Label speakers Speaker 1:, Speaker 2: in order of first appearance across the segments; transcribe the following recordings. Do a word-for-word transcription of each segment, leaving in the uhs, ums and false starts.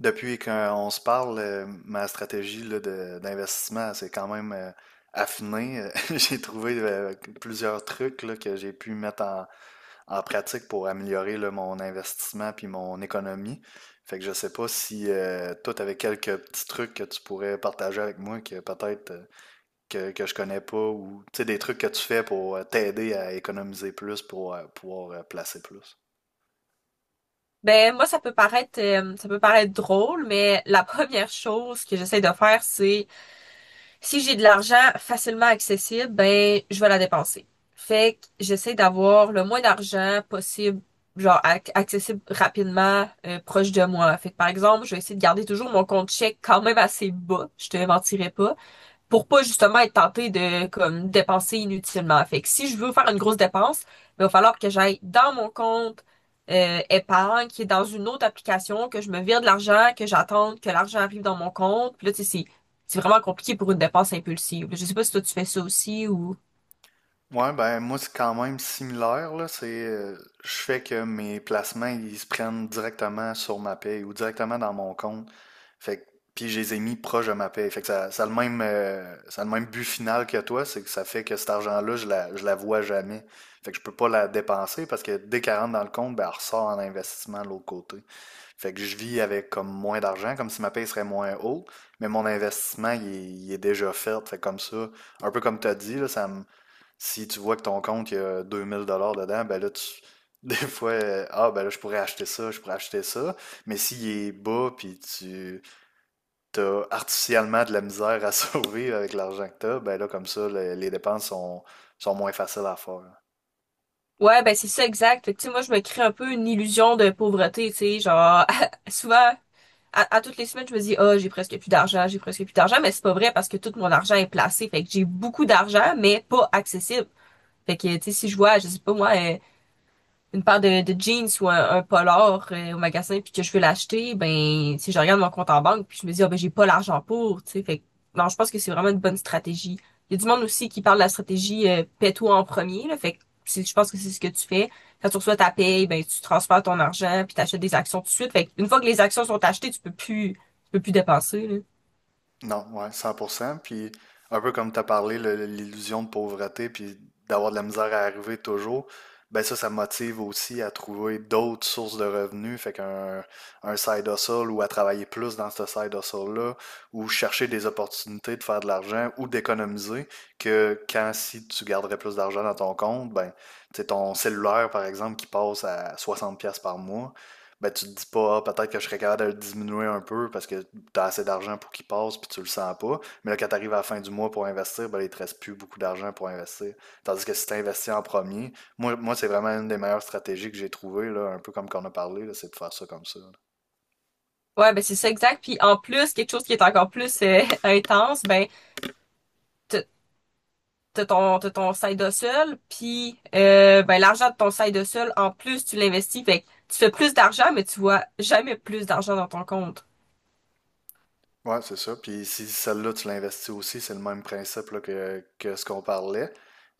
Speaker 1: Depuis qu'on se parle, euh, ma stratégie là, de- d'investissement, c'est quand même euh, affiné. Euh, J'ai trouvé euh, plusieurs trucs là, que j'ai pu mettre en, en pratique pour améliorer là, mon investissement puis mon économie. Fait que je sais pas si euh, toi, tu quelques petits trucs que tu pourrais partager avec moi que peut-être euh, que, que je connais pas ou tu sais, des trucs que tu fais pour euh, t'aider à économiser plus pour euh, pouvoir euh, placer plus.
Speaker 2: Ben moi, ça peut paraître euh, ça peut paraître drôle, mais la première chose que j'essaie de faire, c'est, si j'ai de l'argent facilement accessible, ben je vais la dépenser. Fait que j'essaie d'avoir le moins d'argent possible, genre ac- accessible rapidement, euh, proche de moi. Fait que par exemple, je vais essayer de garder toujours mon compte chèque quand même assez bas, je te mentirais pas, pour pas justement être tenté de comme dépenser inutilement. Fait que si je veux faire une grosse dépense, ben, il va falloir que j'aille dans mon compte euh, épargne, qui est dans une autre application, que je me vire de l'argent, que j'attende que l'argent arrive dans mon compte. Puis là, tu sais, c'est c'est vraiment compliqué pour une dépense impulsive. Je sais pas si toi tu fais ça aussi ou.
Speaker 1: Ouais, ben moi c'est quand même similaire là. C'est, euh, je fais que mes placements ils se prennent directement sur ma paye ou directement dans mon compte. Fait que, puis je les ai mis proche de ma paye. Fait que ça, ça a le même, euh, ça a le même but final que toi, c'est que ça fait que cet argent-là je la, je la vois jamais. Fait que je peux pas la dépenser parce que dès qu'elle rentre dans le compte, ben elle ressort en investissement de l'autre côté. Fait que je vis avec comme moins d'argent, comme si ma paye serait moins haute, mais mon investissement il est, il est déjà fait. Fait que comme ça, un peu comme tu as dit là, ça me si tu vois que ton compte, il y a deux mille dollars dedans, ben là, tu, des fois, euh, ah, ben là, je pourrais acheter ça, je pourrais acheter ça. Mais s'il est bas, puis tu as artificiellement de la misère à sauver avec l'argent que tu as, ben là, comme ça, le- les dépenses sont, sont moins faciles à faire.
Speaker 2: Ouais, ben c'est ça, exact. Fait que, tu sais, moi je me crée un peu une illusion de pauvreté, tu sais, genre souvent à, à toutes les semaines, je me dis, ah, j'ai presque plus d'argent, j'ai presque plus d'argent, mais c'est pas vrai parce que tout mon argent est placé. Fait que j'ai beaucoup d'argent, mais pas accessible. Fait que, tu sais, si je vois, je sais pas moi, euh, une paire de, de jeans ou un, un polar euh, au magasin puis que je veux l'acheter, ben si je regarde mon compte en banque puis je me dis, ah ben j'ai pas l'argent pour, tu sais, fait que- non, je pense que c'est vraiment une bonne stratégie. Il y a du monde aussi qui parle de la stratégie euh, paie-toi en premier, là, fait que c'est- je pense que c'est ce que tu fais. Quand tu reçois ta paye, ben tu transfères ton argent puis t'achètes des actions tout de suite. Fait que une fois que les actions sont achetées, tu peux plus tu peux plus dépenser, là.
Speaker 1: Non, ouais, cent pour cent. Puis un peu comme tu as parlé, le- l'illusion de pauvreté, puis d'avoir de la misère à arriver toujours, ben ça, ça motive aussi à trouver d'autres sources de revenus, fait qu'un un side hustle ou à travailler plus dans ce side hustle-là, ou chercher des opportunités de faire de l'argent ou d'économiser, que quand si tu garderais plus d'argent dans ton compte, ben tu sais, ton cellulaire, par exemple, qui passe à soixante dollars pièces par mois, ben tu te dis pas, ah, peut-être que je serais capable de le diminuer un peu parce que tu as assez d'argent pour qu'il passe, puis tu le sens pas. Mais là, quand tu arrives à la fin du mois pour investir, ben, là, il ne te reste plus beaucoup d'argent pour investir. Tandis que si tu investis en premier, moi, moi c'est vraiment une des meilleures stratégies que j'ai trouvées, là, un peu comme qu'on a parlé, là, c'est de faire ça comme ça. Là.
Speaker 2: Ouais, ben c'est ça, exact. Puis en plus, quelque chose qui est encore plus euh, intense, ben t- t'as ton, t'as ton side hustle, puis euh, ben, l'argent de ton side hustle, en plus, tu l'investis. Fait que tu fais plus d'argent, mais tu vois jamais plus d'argent dans ton compte.
Speaker 1: Ouais, c'est ça. Puis si celle-là, tu l'investis aussi, c'est le même principe là, que, que ce qu'on parlait.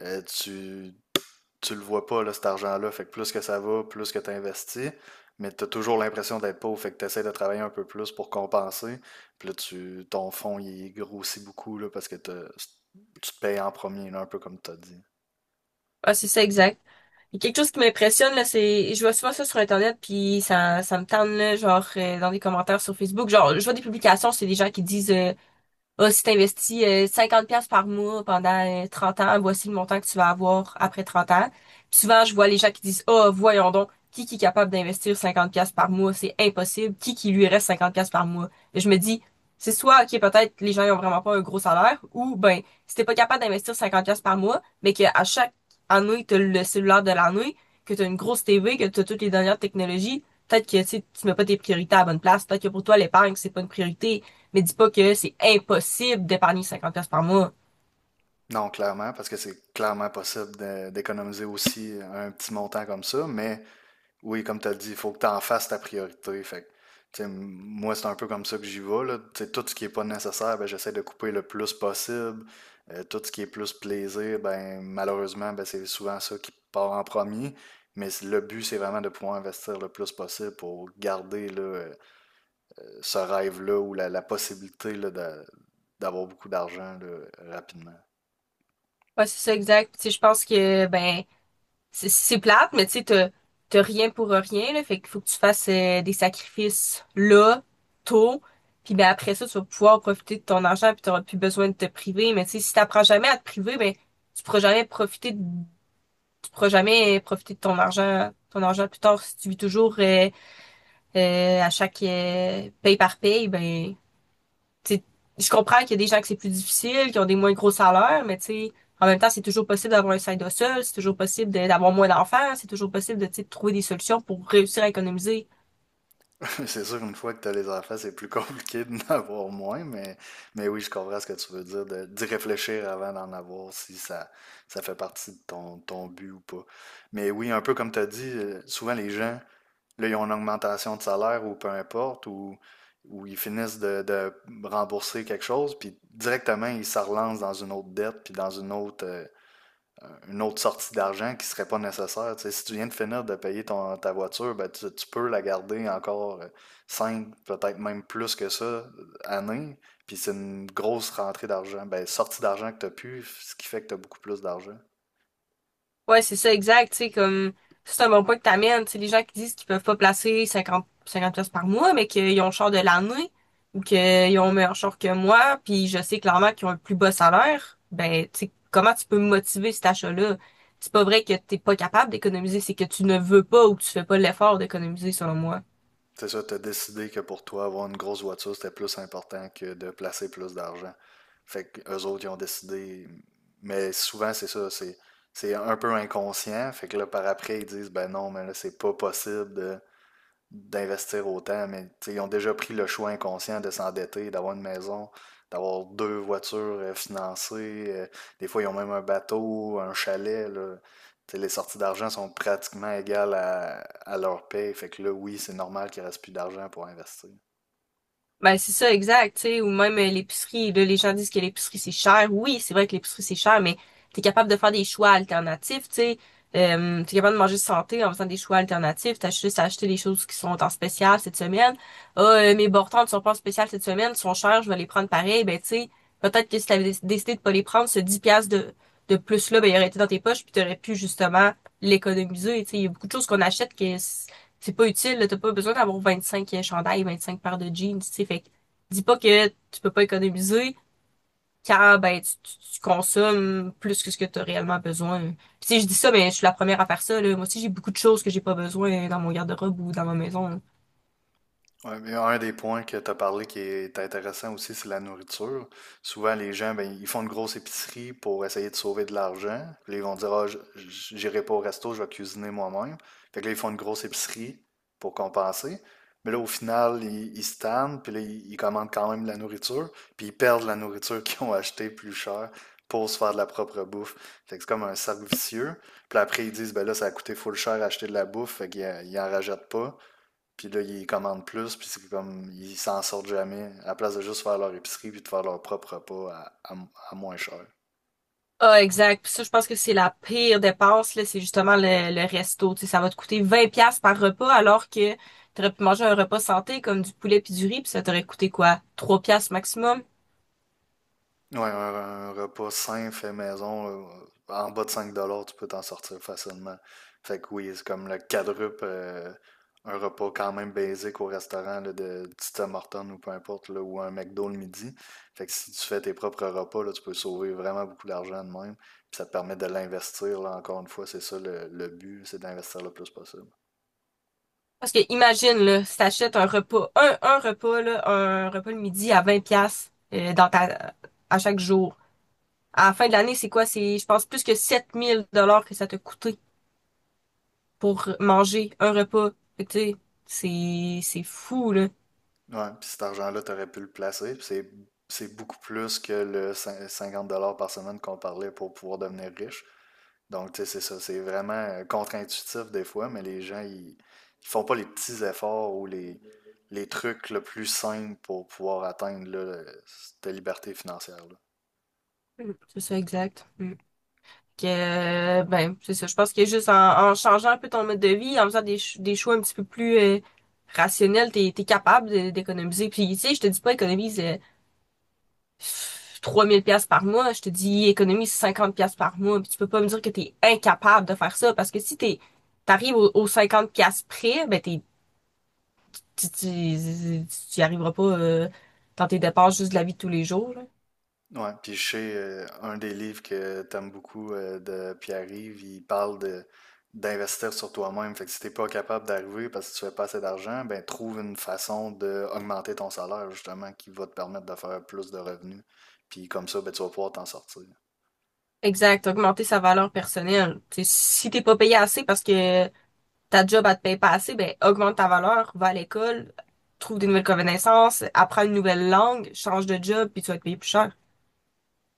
Speaker 1: Euh, tu, tu le vois pas, là, cet argent-là. Fait que plus que ça va, plus que tu investis, mais tu as toujours l'impression d'être pauvre. Fait que tu essaies de travailler un peu plus pour compenser. Puis là, tu, ton fonds, il grossit beaucoup là, parce que t'as- tu te payes en premier, là, un peu comme tu as dit.
Speaker 2: Ah, c'est ça, exact. Il y a quelque chose qui m'impressionne, là, c'est, je vois souvent ça sur Internet, puis ça, ça me tente, là, genre, euh, dans des commentaires sur Facebook. Genre, je vois des publications, c'est des gens qui disent, euh, ah, si tu investis euh, cinquante pièces par mois pendant euh, trente ans, voici le montant que tu vas avoir après trente ans. Puis souvent, je vois les gens qui disent, ah, voyons donc, qui, qui est capable d'investir cinquante dollars$ par mois? C'est impossible. Qui qui lui reste cinquante piastres$ par mois? Et je me dis, c'est soit, OK, peut-être les gens ils ont vraiment pas un gros salaire, ou ben, si t'es pas capable d'investir cinquante dollars$ par mois, mais qu'à chaque année, t'as le cellulaire de l'année, que t'as une grosse T V, que t'as toutes les dernières technologies, peut-être que, tu sais, mets pas tes priorités à la bonne place. Peut-être que pour toi, l'épargne, c'est pas une priorité. Mais dis pas que c'est impossible d'épargner cinquante pièces par mois.
Speaker 1: Non, clairement, parce que c'est clairement possible de- d'économiser aussi un petit montant comme ça, mais oui, comme tu as dit, il faut que tu en fasses ta priorité. Fait que, tu sais, m- moi, c'est un peu comme ça que j'y vais, là. Tu sais, tout ce qui est pas nécessaire, ben, j'essaie de couper le plus possible. Euh, tout ce qui est plus plaisir, ben, malheureusement, ben, c'est souvent ça qui part en premier. Mais c- le but, c'est vraiment de pouvoir investir le plus possible pour garder là, euh, ce rêve-là ou la, la possibilité là, d'a- d'avoir beaucoup d'argent là, rapidement.
Speaker 2: Ouais, c'est ça, exact. Tu sais, je pense que, ben, c'est c'est plate, mais tu sais, t'as t'as rien pour rien, là. Fait qu'il faut que tu fasses euh, des sacrifices là, tôt. Puis ben après ça, tu vas pouvoir profiter de ton argent puis t'auras plus besoin de te priver. Mais tu sais, si t'apprends jamais à te priver, ben tu pourras jamais profiter de, tu pourras jamais profiter de ton argent, ton argent plus tard si tu vis toujours euh, Euh, à chaque euh, paye par paye, ben, tu sais, je comprends qu'il y a des gens que c'est plus difficile, qui ont des moins gros salaires, mais tu sais, en même temps, c'est toujours possible d'avoir un side hustle, c'est toujours possible de- d'avoir moins d'enfants, c'est toujours possible de, tu sais, de trouver des solutions pour réussir à économiser.
Speaker 1: C'est sûr qu'une fois que tu as les enfants, c'est plus compliqué d'en avoir moins, mais, mais oui, je comprends ce que tu veux dire, de- d'y réfléchir avant d'en avoir, si ça, ça fait partie de ton, ton but ou pas. Mais oui, un peu comme tu as dit, euh, souvent les gens, là, ils ont une augmentation de salaire ou peu importe, ou, ou ils finissent de, de rembourser quelque chose, puis directement, ils se relancent dans une autre dette, puis dans une autre, euh, une autre sortie d'argent qui serait pas nécessaire. Tu sais, si tu viens de finir de payer ton, ta voiture, ben, tu, tu peux la garder encore euh, cinq peut-être même plus que ça, euh, années. Puis c'est une grosse rentrée d'argent. Ben, sortie d'argent que tu as pu, ce qui fait que tu as beaucoup plus d'argent.
Speaker 2: Ouais, c'est ça, exact. Tu sais, comme, c'est un bon point que t'amènes. Tu sais, les gens qui disent qu'ils peuvent pas placer cinquante, cinquante pièces par mois, mais qu'ils ont le char de l'année ou qu'ils ont un meilleur char que moi, puis je sais clairement qu'ils ont un plus bas salaire, ben, tu sais, comment tu peux me motiver cet achat-là? C'est pas vrai que t'es pas capable d'économiser, c'est que tu ne veux pas ou que tu fais pas l'effort d'économiser, selon moi.
Speaker 1: C'est ça, tu as décidé que pour toi, avoir une grosse voiture, c'était plus important que de placer plus d'argent. Fait que eux autres, ils ont décidé. Mais souvent, c'est ça, c'est c'est un peu inconscient. Fait que là, par après, ils disent, ben non, mais là, c'est pas possible de d'investir autant, mais ils ont déjà pris le choix inconscient de s'endetter, d'avoir une maison, d'avoir deux voitures euh, financées. euh, des fois, ils ont même un bateau, un chalet. Là. Les sorties d'argent sont pratiquement égales à, à leur paye. Fait que là, oui, c'est normal qu'il ne reste plus d'argent pour investir.
Speaker 2: Ben, c'est ça, exact, tu sais, ou même euh, l'épicerie, là, les gens disent que l'épicerie, c'est cher. Oui, c'est vrai que l'épicerie, c'est cher, mais t'es capable de faire des choix alternatifs, tu sais. Euh, t'es capable de manger santé en faisant des choix alternatifs. T'as juste à acheter les choses qui sont en spécial cette semaine. Ah, euh, mes bortons ne sont pas en spécial cette semaine, ils sont chers, je vais les prendre pareil. Ben, tu sais, peut-être que si t'avais dé- décidé de pas les prendre, ce dix piastres de, de plus-là, ben, il aurait été dans tes poches, puis t'aurais pu, justement, l'économiser, tu sais. Il y a beaucoup de choses qu'on achète que c'est pas utile, là, t'as pas besoin d'avoir vingt-cinq chandails, vingt-cinq paires de jeans, tu sais, fait que dis pas que tu peux pas économiser car ben tu, tu- tu consommes plus que ce que tu as réellement besoin. Puis tu sais, je dis ça, mais je suis la première à faire ça, là. Moi aussi, j'ai beaucoup de choses que j'ai pas besoin dans mon garde-robe ou dans ma maison, là.
Speaker 1: Ouais, mais un des points que tu as parlé qui est intéressant aussi, c'est la nourriture. Souvent, les gens, ben, ils font une grosse épicerie pour essayer de sauver de l'argent. Puis là, ils vont dire, ah, j- j- j'irai pas au resto, je vais cuisiner moi-même. Fait que là, ils font une grosse épicerie pour compenser. Mais là, au final, ils, ils se tannent, puis là, ils, ils commandent quand même de la nourriture, puis ils perdent la nourriture qu'ils ont achetée plus cher pour se faire de la propre bouffe. Fait que c'est comme un cercle vicieux. Puis là, après, ils disent, ben là, ça a coûté full cher acheter de la bouffe, fait qu'ils en ils en rajoutent pas. Puis là, ils commandent plus, puis c'est comme, ils s'en sortent jamais, à la place de juste faire leur épicerie puis de faire leur propre repas à, à- à moins cher.
Speaker 2: Ah, exact. Puis ça, je pense que c'est la pire dépense, là, c'est justement le, le resto. Tu sais, ça va te coûter vingt pièces par repas alors que t'aurais pu manger un repas santé comme du poulet puis du riz, puis ça t'aurait coûté quoi? Trois pièces maximum?
Speaker 1: Ouais, un, un repas sain, fait maison, euh, en bas de cinq dollars tu peux t'en sortir facilement. Fait que oui, c'est comme le quadruple, euh, un repas quand même basique au restaurant là, de du Tim Hortons ou peu importe, là, ou un McDo le midi. Fait que si tu fais tes propres repas, là, tu peux sauver vraiment beaucoup d'argent de même. Puis ça te permet de l'investir, là, encore une fois, c'est ça le, le but, c'est d'investir le plus possible.
Speaker 2: Parce que imagine, là, si t'achètes un repas, un, un repas, là, un repas le midi à vingt pièces dans ta, à chaque jour. À la fin de l'année, c'est quoi? C'est, je pense, plus que sept mille dollars que ça t'a coûté pour manger un repas. Fait que, tu sais, c'est, c'est fou, là.
Speaker 1: Ouais, puis cet argent-là, tu aurais pu le placer. Puis C'est, c'est beaucoup plus que le cin- cinquante dollars par semaine qu'on parlait pour pouvoir devenir riche. Donc, tu sais, c'est ça. C'est vraiment euh, contre-intuitif des fois, mais les gens, ils, ils font pas les petits efforts ou les, les trucs le plus simples pour pouvoir atteindre là, le- cette liberté financière-là.
Speaker 2: Mm. C'est ça, exact. Mm. Que, euh, ben, c'est ça. Je pense que juste en, en changeant un peu ton mode de vie, en faisant des, ch- des choix un petit peu plus euh, rationnels, t'es, t'es capable de- d'économiser. Puis, tu sais, je te dis pas économise euh, trois mille pièces par mois, je te dis économise cinquante pièces par mois, puis tu peux pas me dire que t'es incapable de faire ça parce que si t'es t'arrives aux, aux cinquante pièces près, ben t'es tu, tu, tu y arriveras pas euh, dans tes dépenses juste de la vie de tous les jours, là.
Speaker 1: Ouais, puis je sais, euh, un des livres que t'aimes beaucoup euh, de Pierre-Yves, il parle de d'investir sur toi-même. Fait que si t'es pas capable d'arriver parce que tu fais pas assez d'argent, ben trouve une façon d'augmenter ton salaire justement qui va te permettre de faire plus de revenus. Puis comme ça, ben tu vas pouvoir t'en sortir.
Speaker 2: Exact, augmenter sa valeur personnelle. Tu sais, si t'es pas payé assez parce que ta job elle te paye pas assez, ben augmente ta valeur, va à l'école, trouve des nouvelles connaissances, apprends une nouvelle langue, change de job, puis tu vas te payer plus cher.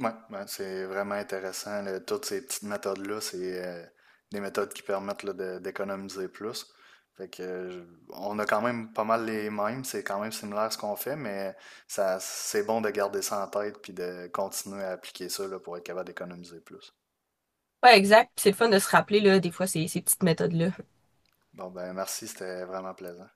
Speaker 1: Ouais, ouais, c'est vraiment intéressant. Là. Toutes ces petites méthodes-là, c'est euh, des méthodes qui permettent là, de- d'économiser plus. Fait que, euh, je- on a quand même pas mal les mêmes, c'est quand même similaire ce qu'on fait, mais ça, c'est bon de garder ça en tête puis de continuer à appliquer ça là, pour être capable d'économiser plus.
Speaker 2: Ouais, exact. Puis c'est le fun de se rappeler là, des fois ces, ces petites méthodes-là.
Speaker 1: Bon, ben merci, c'était vraiment plaisant.